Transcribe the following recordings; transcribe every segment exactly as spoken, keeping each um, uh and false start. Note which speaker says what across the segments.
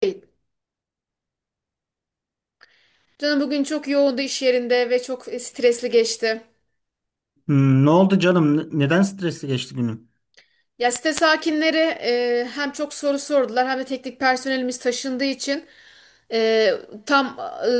Speaker 1: Hey, canım bugün çok yoğundu iş yerinde ve çok e, stresli geçti.
Speaker 2: Hmm, ne oldu canım? Ne- Neden stresli geçti günün?
Speaker 1: Ya site sakinleri e, hem çok soru sordular hem de teknik personelimiz taşındığı için e, tam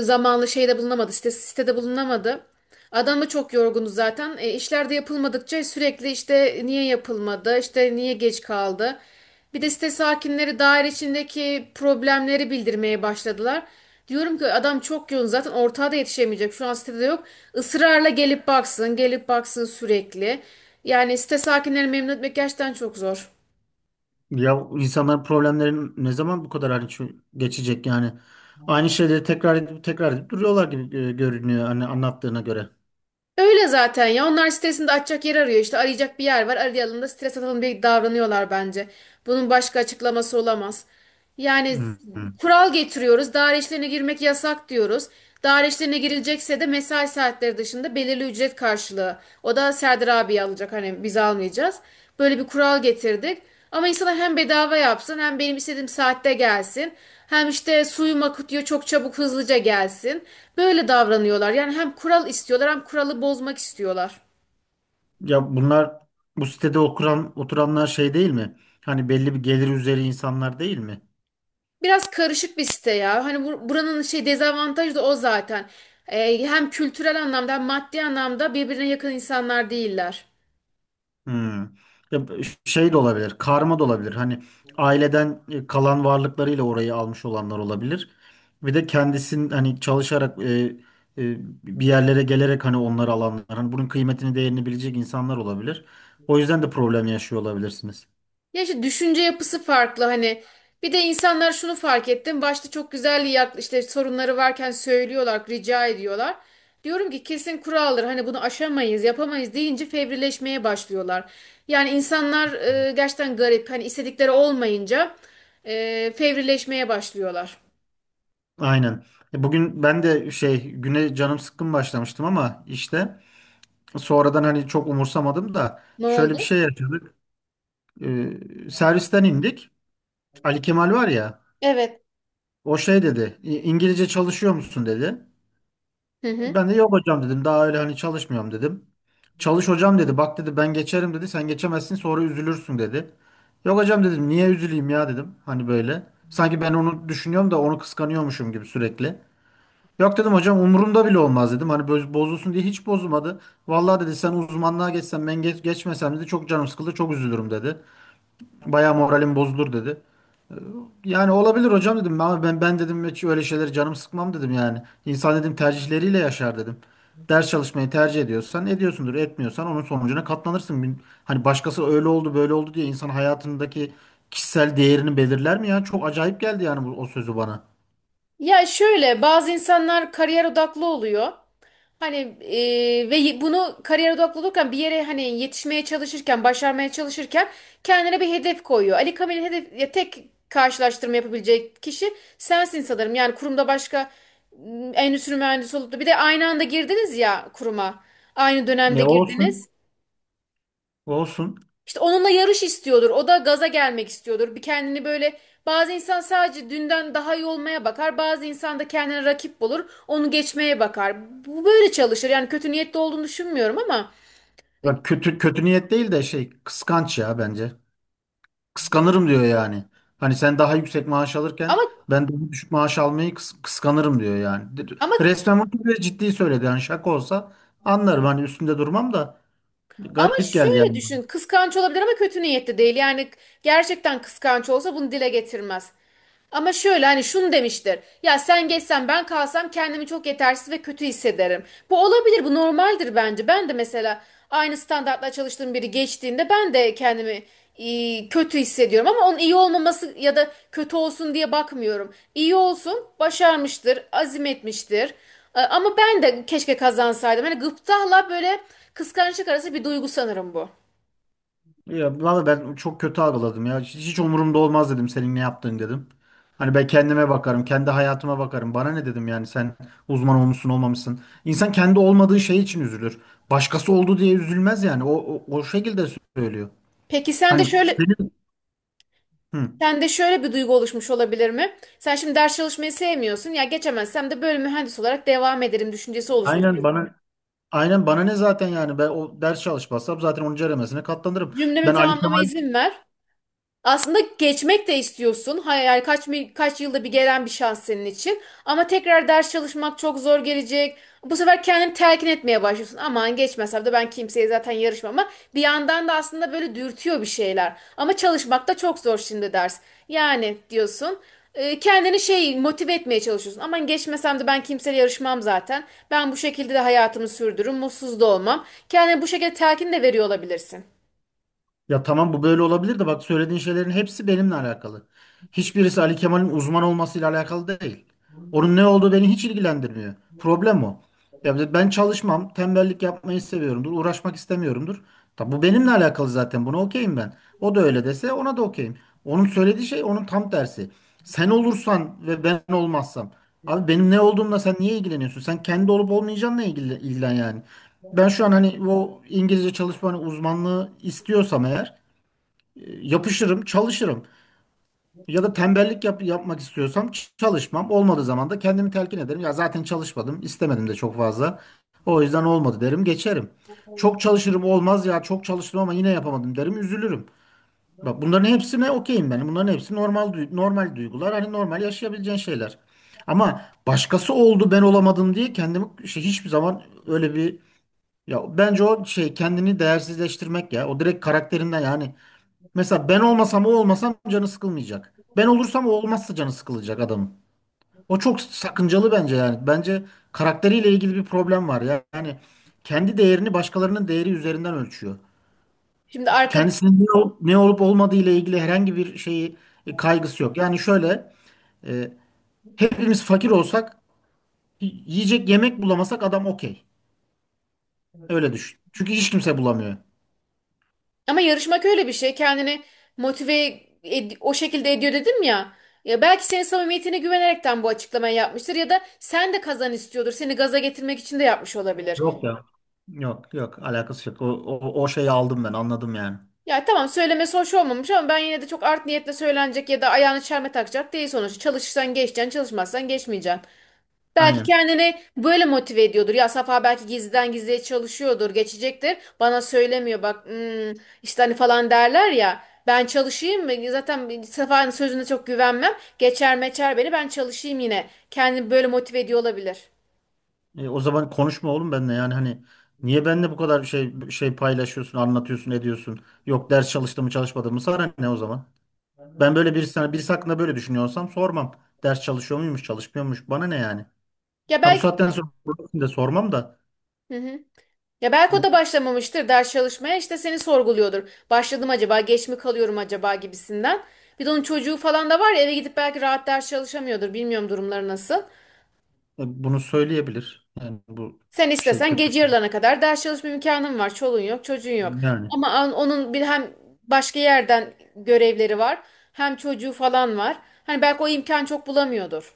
Speaker 1: e, zamanlı şeyde bulunamadı, site, sitede bulunamadı. Adamı çok yorgunu zaten. E, işler de yapılmadıkça sürekli işte niye yapılmadı, işte niye geç kaldı. Bir de site sakinleri daire içindeki problemleri bildirmeye başladılar. Diyorum ki adam çok yoğun zaten ortağa da yetişemeyecek. Şu an sitede yok. Israrla gelip baksın, gelip baksın sürekli. Yani site sakinleri memnun etmek gerçekten çok zor.
Speaker 2: Ya insanların problemlerin ne zaman bu kadar hani şu- geçecek yani? Aynı şeyleri tekrar edip tekrar edip duruyorlar gibi e, görünüyor hani anlattığına göre.
Speaker 1: Öyle zaten ya. Onlar sitesinde açacak yer arıyor. İşte arayacak bir yer var. Arayalım da stres atalım diye davranıyorlar bence. Bunun başka açıklaması olamaz. Yani
Speaker 2: Hmm.
Speaker 1: kural getiriyoruz. Daire işlerine girmek yasak diyoruz. Daire işlerine girilecekse de mesai saatleri dışında belirli ücret karşılığı. O da Serdar abi alacak. Hani biz almayacağız. Böyle bir kural getirdik. Ama insana hem bedava yapsın hem benim istediğim saatte gelsin. Hem işte suyum akıtıyor çok çabuk hızlıca gelsin. Böyle davranıyorlar. Yani hem kural istiyorlar hem kuralı bozmak istiyorlar.
Speaker 2: Ya bunlar bu sitede oturan oturanlar şey değil mi? Hani belli bir gelir üzeri insanlar değil mi?
Speaker 1: Biraz karışık bir site ya. Hani bur- buranın şey dezavantajı da o zaten. Ee, hem kültürel anlamda hem maddi anlamda birbirine yakın insanlar değiller.
Speaker 2: Hmm. Ya b- Şey de olabilir, karma da olabilir. Hani aileden e, kalan varlıklarıyla orayı almış olanlar olabilir. Bir de kendisinin hani çalışarak e, e, bir yerlere gelerek hani onları alanlar. Hani bunun kıymetini, değerini bilecek insanlar olabilir. O yüzden de problem yaşıyor olabilirsiniz.
Speaker 1: Ya işte düşünce yapısı farklı hani. Bir de insanlar şunu fark ettim. Başta çok güzel yak işte sorunları varken söylüyorlar, rica ediyorlar. Diyorum ki kesin kuraldır. Hani bunu aşamayız, yapamayız deyince fevrileşmeye başlıyorlar. Yani insanlar e, gerçekten garip. Hani istedikleri olmayınca e, fevrileşmeye başlıyorlar.
Speaker 2: Aynen. E, Bugün ben de şey güne canım sıkkın başlamıştım ama işte sonradan hani çok umursamadım da
Speaker 1: Ne
Speaker 2: şöyle bir
Speaker 1: oldu?
Speaker 2: şey yaşadık. E, servisten indik. Ali Kemal var ya.
Speaker 1: Evet.
Speaker 2: O şey dedi, "İ- İngilizce çalışıyor musun dedi.
Speaker 1: Hı hı.
Speaker 2: Ben de yok hocam dedim. Daha öyle hani çalışmıyorum dedim. Çalış hocam dedi. Bak dedi ben geçerim dedi. Sen geçemezsin sonra üzülürsün dedi. Yok hocam dedim. Niye üzüleyim ya dedim. Hani böyle. Sanki ben onu düşünüyorum da onu kıskanıyormuşum gibi sürekli. Yok dedim hocam umurumda bile olmaz dedim. Hani boz- bozulsun diye hiç bozulmadı. Vallahi dedi sen uzmanlığa geçsen ben geç, geçmesem dedi çok canım sıkıldı çok üzülürüm dedi. Bayağı moralim bozulur dedi. Yani olabilir hocam dedim ama ben ben dedim hiç öyle şeyleri canım sıkmam dedim yani. İnsan dedim tercihleriyle yaşar dedim. Ders çalışmayı tercih ediyorsan ediyorsundur, etmiyorsan onun sonucuna katlanırsın. Bin- Hani başkası öyle oldu böyle oldu diye insan hayatındaki kişisel değerini belirler mi ya? Çok acayip geldi yani bu, o sözü bana.
Speaker 1: Ya şöyle bazı insanlar kariyer odaklı oluyor. Hani e, ve y- bunu kariyer odaklı olurken bir yere hani yetişmeye çalışırken, başarmaya çalışırken kendine bir hedef koyuyor. Ali Kamil'in hedef ya tek karşılaştırma yapabilecek kişi sensin sanırım. Yani kurumda başka m, endüstri mühendisi olup da bir de aynı anda girdiniz ya kuruma. Aynı dönemde
Speaker 2: Ne olsun?
Speaker 1: girdiniz.
Speaker 2: Olsun.
Speaker 1: İşte onunla yarış istiyordur. O da gaza gelmek istiyordur. Bir kendini böyle bazı insan sadece dünden daha iyi olmaya bakar. Bazı insan da kendine rakip bulur. Onu geçmeye bakar. Bu böyle çalışır. Yani kötü niyetli olduğunu düşünmüyorum ama e,
Speaker 2: Bak kötü kötü niyet değil de şey kıskanç ya bence. Kıskanırım diyor yani. Hani sen daha yüksek maaş alırken
Speaker 1: ama
Speaker 2: ben daha düşük maaş almayı kıs- kıskanırım diyor yani. De-
Speaker 1: ama
Speaker 2: Resmen bunu bile ciddi söyledi. Yani şaka olsa anlarım hani üstünde durmam da
Speaker 1: ama
Speaker 2: garip geldi
Speaker 1: şöyle
Speaker 2: yani. Bana.
Speaker 1: düşün. Kıskanç olabilir ama kötü niyetli değil. Yani gerçekten kıskanç olsa bunu dile getirmez. Ama şöyle hani şunu demiştir. Ya sen geçsen ben kalsam kendimi çok yetersiz ve kötü hissederim. Bu olabilir, bu normaldir bence. Ben de mesela aynı standartla çalıştığım biri geçtiğinde ben de kendimi e, kötü hissediyorum. Ama onun iyi olmaması ya da kötü olsun diye bakmıyorum. İyi olsun, başarmıştır, azim etmiştir. E, Ama ben de keşke kazansaydım. Hani gıptayla böyle kıskançlık arası bir duygu sanırım bu.
Speaker 2: Ya valla ben çok kötü algıladım ya. Hiç, hiç umurumda olmaz dedim senin ne yaptığın dedim. Hani ben kendime bakarım, kendi hayatıma bakarım. Bana ne dedim yani sen uzman olmuşsun olmamışsın. İnsan kendi olmadığı şey için üzülür. Başkası oldu diye üzülmez yani. O, o, o şekilde söylüyor.
Speaker 1: Peki sen de
Speaker 2: Hani
Speaker 1: şöyle
Speaker 2: senin... Hı.
Speaker 1: sende şöyle bir duygu oluşmuş olabilir mi? Sen şimdi ders çalışmayı sevmiyorsun. Ya geçemezsem de böyle mühendis olarak devam ederim düşüncesi oluşmuş.
Speaker 2: Aynen bana Aynen bana ne zaten yani ben o ders çalışmazsam zaten onuncu elemesine katlanırım.
Speaker 1: Cümlemi
Speaker 2: Ben Ali
Speaker 1: tamamlama
Speaker 2: Kemal.
Speaker 1: izin ver. Aslında geçmek de istiyorsun. Hayal kaç mi- kaç yılda bir gelen bir şans senin için. Ama tekrar ders çalışmak çok zor gelecek. Bu sefer kendini telkin etmeye başlıyorsun. Aman geçmesem de ben kimseye zaten yarışmam ama bir yandan da aslında böyle dürtüyor bir şeyler. Ama çalışmak da çok zor şimdi ders. Yani diyorsun e, kendini şey motive etmeye çalışıyorsun. Aman geçmesem de ben kimseyle yarışmam zaten. Ben bu şekilde de hayatımı sürdürürüm. Mutsuz da olmam. Kendine bu şekilde telkin de veriyor olabilirsin.
Speaker 2: Ya tamam bu böyle olabilir de bak söylediğin şeylerin hepsi benimle alakalı. Hiçbirisi Ali Kemal'in uzman olmasıyla alakalı değil. Onun ne olduğu beni hiç ilgilendirmiyor. Problem o. Ya ben çalışmam, tembellik yapmayı seviyorumdur, uğraşmak istemiyorumdur. Tabi bu benimle alakalı zaten. Buna okeyim ben. O da öyle dese ona da okeyim. Onun söylediği şey onun tam tersi. Sen olursan ve ben olmazsam. Abi benim ne olduğumla sen niye ilgileniyorsun? Sen kendi olup olmayacağınla ilgilen, ilgilen yani. Ben şu an hani o İngilizce çalışma hani uzmanlığı istiyorsam eğer yapışırım, çalışırım. Ya da tembellik yap- yapmak istiyorsam ç- çalışmam. Olmadığı zaman da kendimi telkin ederim. Ya zaten çalışmadım, istemedim de çok fazla. O yüzden olmadı derim, geçerim. Çok çalışırım olmaz ya çok çalıştım ama yine yapamadım derim, üzülürüm. Bak bunların hepsine okeyim ben. Bunların hepsi normal duy- normal duygular. Hani normal yaşayabileceğin şeyler. Ama başkası oldu ben olamadım diye kendimi şey, hiçbir zaman öyle bir ya bence o şey kendini değersizleştirmek ya. O direkt karakterinden yani. Mesela ben olmasam o olmasam canı sıkılmayacak. Ben olursam o olmazsa canı sıkılacak adamın. O çok sakıncalı bence yani. Bence karakteriyle ilgili bir problem var ya. Yani kendi değerini başkalarının değeri üzerinden ölçüyor.
Speaker 1: Şimdi arka,
Speaker 2: Kendisinin ne, ol- ne olup olmadığı ile ilgili herhangi bir şeyi e, kaygısı yok. Yani şöyle, e, hepimiz fakir olsak y- yiyecek yemek bulamasak adam okey. Öyle düşün. Çünkü hiç kimse bulamıyor.
Speaker 1: ama yarışmak öyle bir şey. Kendini motive ed- o şekilde ediyor dedim ya. Ya belki senin samimiyetine güvenerekten bu açıklamayı yapmıştır ya da sen de kazan istiyordur. Seni gaza getirmek için de yapmış olabilir.
Speaker 2: Yok ya. Yok yok alakası yok. O, o, o şeyi aldım ben anladım yani.
Speaker 1: Ya tamam söylemesi hoş olmamış ama ben yine de çok art niyetle söylenecek ya da ayağını çelme takacak değil sonuçta. Çalışırsan geçeceksin, çalışmazsan geçmeyeceksin. Belki
Speaker 2: Aynen.
Speaker 1: kendini böyle motive ediyordur. Ya Safa belki gizliden gizliye çalışıyordur, geçecektir. Bana söylemiyor bak hmm, işte hani falan derler ya. Ben çalışayım mı? Zaten Safa'nın sözüne çok güvenmem. Geçer meçer beni ben çalışayım yine. Kendini böyle motive ediyor olabilir.
Speaker 2: E, o zaman konuşma oğlum benimle yani hani niye benimle bu kadar şey şey paylaşıyorsun, anlatıyorsun, ediyorsun? Yok ders çalıştım mı çalışmadım mı sana ne o zaman? Ben böyle bir sana birisi hakkında böyle düşünüyorsam sormam. Ders çalışıyor muymuş, çalışmıyormuş bana ne yani?
Speaker 1: Ya
Speaker 2: Ha bu
Speaker 1: belki
Speaker 2: saatten sonra de sormam da
Speaker 1: hı hı. Ya belki o da
Speaker 2: bu-
Speaker 1: başlamamıştır ders çalışmaya işte seni sorguluyordur. Başladım acaba geç mi kalıyorum acaba gibisinden. Bir de onun çocuğu falan da var ya eve gidip belki rahat ders çalışamıyordur. Bilmiyorum durumları nasıl.
Speaker 2: e, bunu söyleyebilir. Yani bu
Speaker 1: Sen
Speaker 2: şey
Speaker 1: istesen
Speaker 2: kötü bir
Speaker 1: gece
Speaker 2: şey.
Speaker 1: yarılarına kadar ders çalışma imkanın var. Çoluğun yok, çocuğun yok.
Speaker 2: Yani.
Speaker 1: Ama an- onun bir hem başka yerden görevleri var, hem çocuğu falan var. Hani belki o imkan çok bulamıyordur.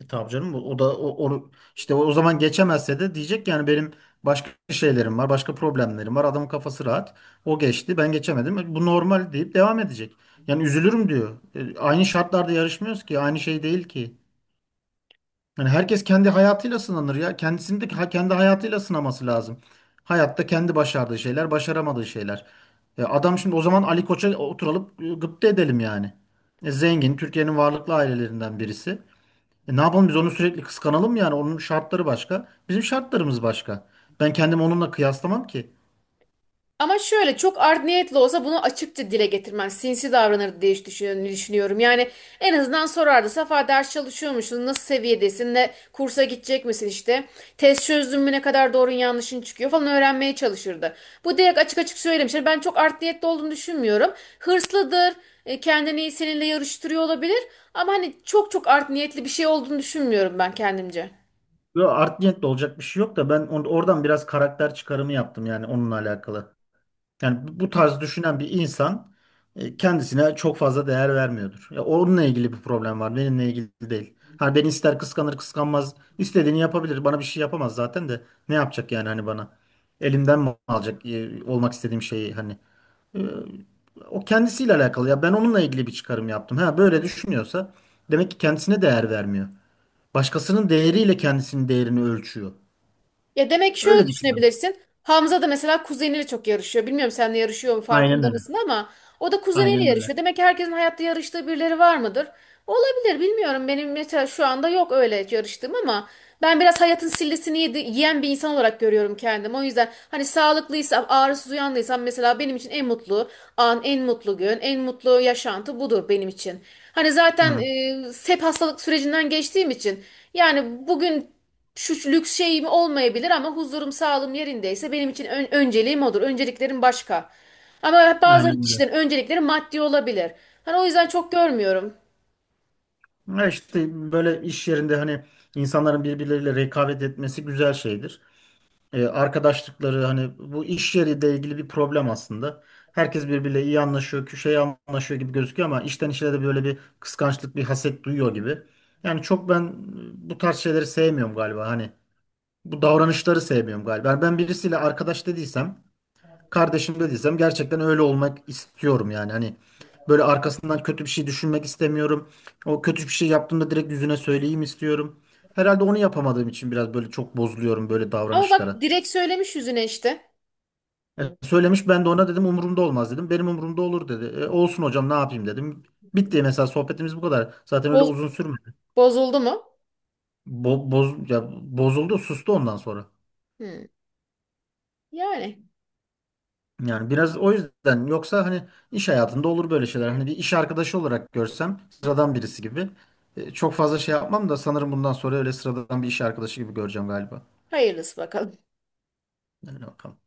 Speaker 2: E, Tabii canım o da o, onu- işte o, o zaman geçemezse de diyecek ki yani benim başka şeylerim var, başka problemlerim var. Adamın kafası rahat. O geçti, ben geçemedim. E, Bu normal deyip devam edecek. Yani üzülürüm diyor. E, Aynı şartlarda yarışmıyoruz ki, aynı şey değil ki. Yani herkes kendi hayatıyla sınanır ya. Kendisini de ha- kendi hayatıyla sınaması lazım. Hayatta kendi başardığı şeyler, başaramadığı şeyler. E, adam şimdi o zaman Ali Koç'a oturalım e, gıpta edelim yani. E, Zengin, Türkiye'nin varlıklı ailelerinden birisi. E ne yapalım biz onu sürekli kıskanalım yani onun şartları başka, bizim şartlarımız başka. Ben kendimi onunla kıyaslamam ki.
Speaker 1: Ama şöyle çok art niyetli olsa bunu açıkça dile getirmen sinsi davranır diye düş- düşün- düşünüyorum. Yani en azından sorardı. Safa ders çalışıyor musun? Nasıl seviyedesin? Ne kursa gidecek misin işte? Test çözdün mü ne kadar doğrun yanlışın çıkıyor falan öğrenmeye çalışırdı. Bu direkt açık açık söylemişler. Ben çok art niyetli olduğunu düşünmüyorum. Hırslıdır. e, Kendini seninle yarıştırıyor olabilir. Ama hani çok çok art niyetli bir şey olduğunu düşünmüyorum ben kendimce.
Speaker 2: Yo, art niyetle olacak bir şey yok da ben on- oradan biraz karakter çıkarımı yaptım yani onunla alakalı. Yani bu bu tarz düşünen bir insan e, kendisine çok fazla değer vermiyordur. Ya onunla ilgili bir problem var, benimle ilgili değil. Hani beni ister kıskanır kıskanmaz, istediğini yapabilir. Bana bir şey yapamaz zaten de ne yapacak yani hani bana? Elimden mi alacak e, olmak istediğim şeyi hani? Ee, O kendisiyle alakalı. Ya ben onunla ilgili bir çıkarım yaptım. Ha böyle düşünüyorsa demek ki kendisine değer vermiyor. Başkasının değeriyle kendisinin değerini ölçüyor.
Speaker 1: Ya demek ki şöyle
Speaker 2: Öyle düşünüyorum.
Speaker 1: düşünebilirsin. Hamza da mesela kuzeniyle çok yarışıyor. Bilmiyorum seninle yarışıyor mu
Speaker 2: Aynen
Speaker 1: farkında
Speaker 2: öyle.
Speaker 1: mısın ama o da kuzeniyle
Speaker 2: Aynen öyle.
Speaker 1: yarışıyor. Demek ki herkesin hayatta yarıştığı birileri var mıdır? Olabilir bilmiyorum. Benim mesela şu anda yok öyle yarıştığım ama ben biraz hayatın sillesini yedi- yiyen bir insan olarak görüyorum kendimi. O yüzden hani sağlıklıysam, ağrısız uyandıysam mesela benim için en mutlu an, en mutlu gün, en mutlu yaşantı budur benim için. Hani zaten
Speaker 2: Hı,
Speaker 1: e, hep hastalık sürecinden geçtiğim için yani bugün şu lüks şeyim olmayabilir ama huzurum sağlığım yerindeyse benim için ön- önceliğim odur. Önceliklerim başka. Ama bazı
Speaker 2: Aynen öyle.
Speaker 1: kişilerin öncelikleri maddi olabilir. Hani o yüzden çok görmüyorum.
Speaker 2: Ya işte böyle iş yerinde hani insanların birbirleriyle rekabet etmesi güzel şeydir. E, arkadaşlıkları hani bu iş yeriyle ilgili bir problem aslında. Herkes birbiriyle iyi anlaşıyor, şey anlaşıyor gibi gözüküyor ama işten işe de böyle bir kıskançlık, bir haset duyuyor gibi. Yani çok ben e, bu tarz şeyleri sevmiyorum galiba. Hani bu davranışları sevmiyorum galiba. Yani ben birisiyle arkadaş dediysem, kardeşim dediysem gerçekten öyle olmak istiyorum yani. Hani böyle arkasından kötü bir şey düşünmek istemiyorum. O kötü bir şey yaptığımda direkt yüzüne söyleyeyim istiyorum. Herhalde onu yapamadığım için biraz böyle çok bozuluyorum böyle
Speaker 1: Ama bak
Speaker 2: davranışlara.
Speaker 1: direkt söylemiş yüzüne işte.
Speaker 2: E, söylemiş ben de ona dedim umurumda olmaz dedim. Benim umurumda olur dedi. E, olsun hocam ne yapayım dedim. Bitti mesela sohbetimiz bu kadar. Zaten öyle
Speaker 1: Boz-
Speaker 2: uzun sürmedi.
Speaker 1: Bozuldu mu?
Speaker 2: Bo- boz ya Bozuldu, sustu ondan sonra.
Speaker 1: Hmm. Yani
Speaker 2: Yani biraz o yüzden yoksa hani iş hayatında olur böyle şeyler. Hani bir iş arkadaşı olarak görsem sıradan birisi gibi. E, çok fazla şey yapmam da sanırım bundan sonra öyle sıradan bir iş arkadaşı gibi göreceğim galiba.
Speaker 1: hayırlısı bakalım.
Speaker 2: Yani bakalım.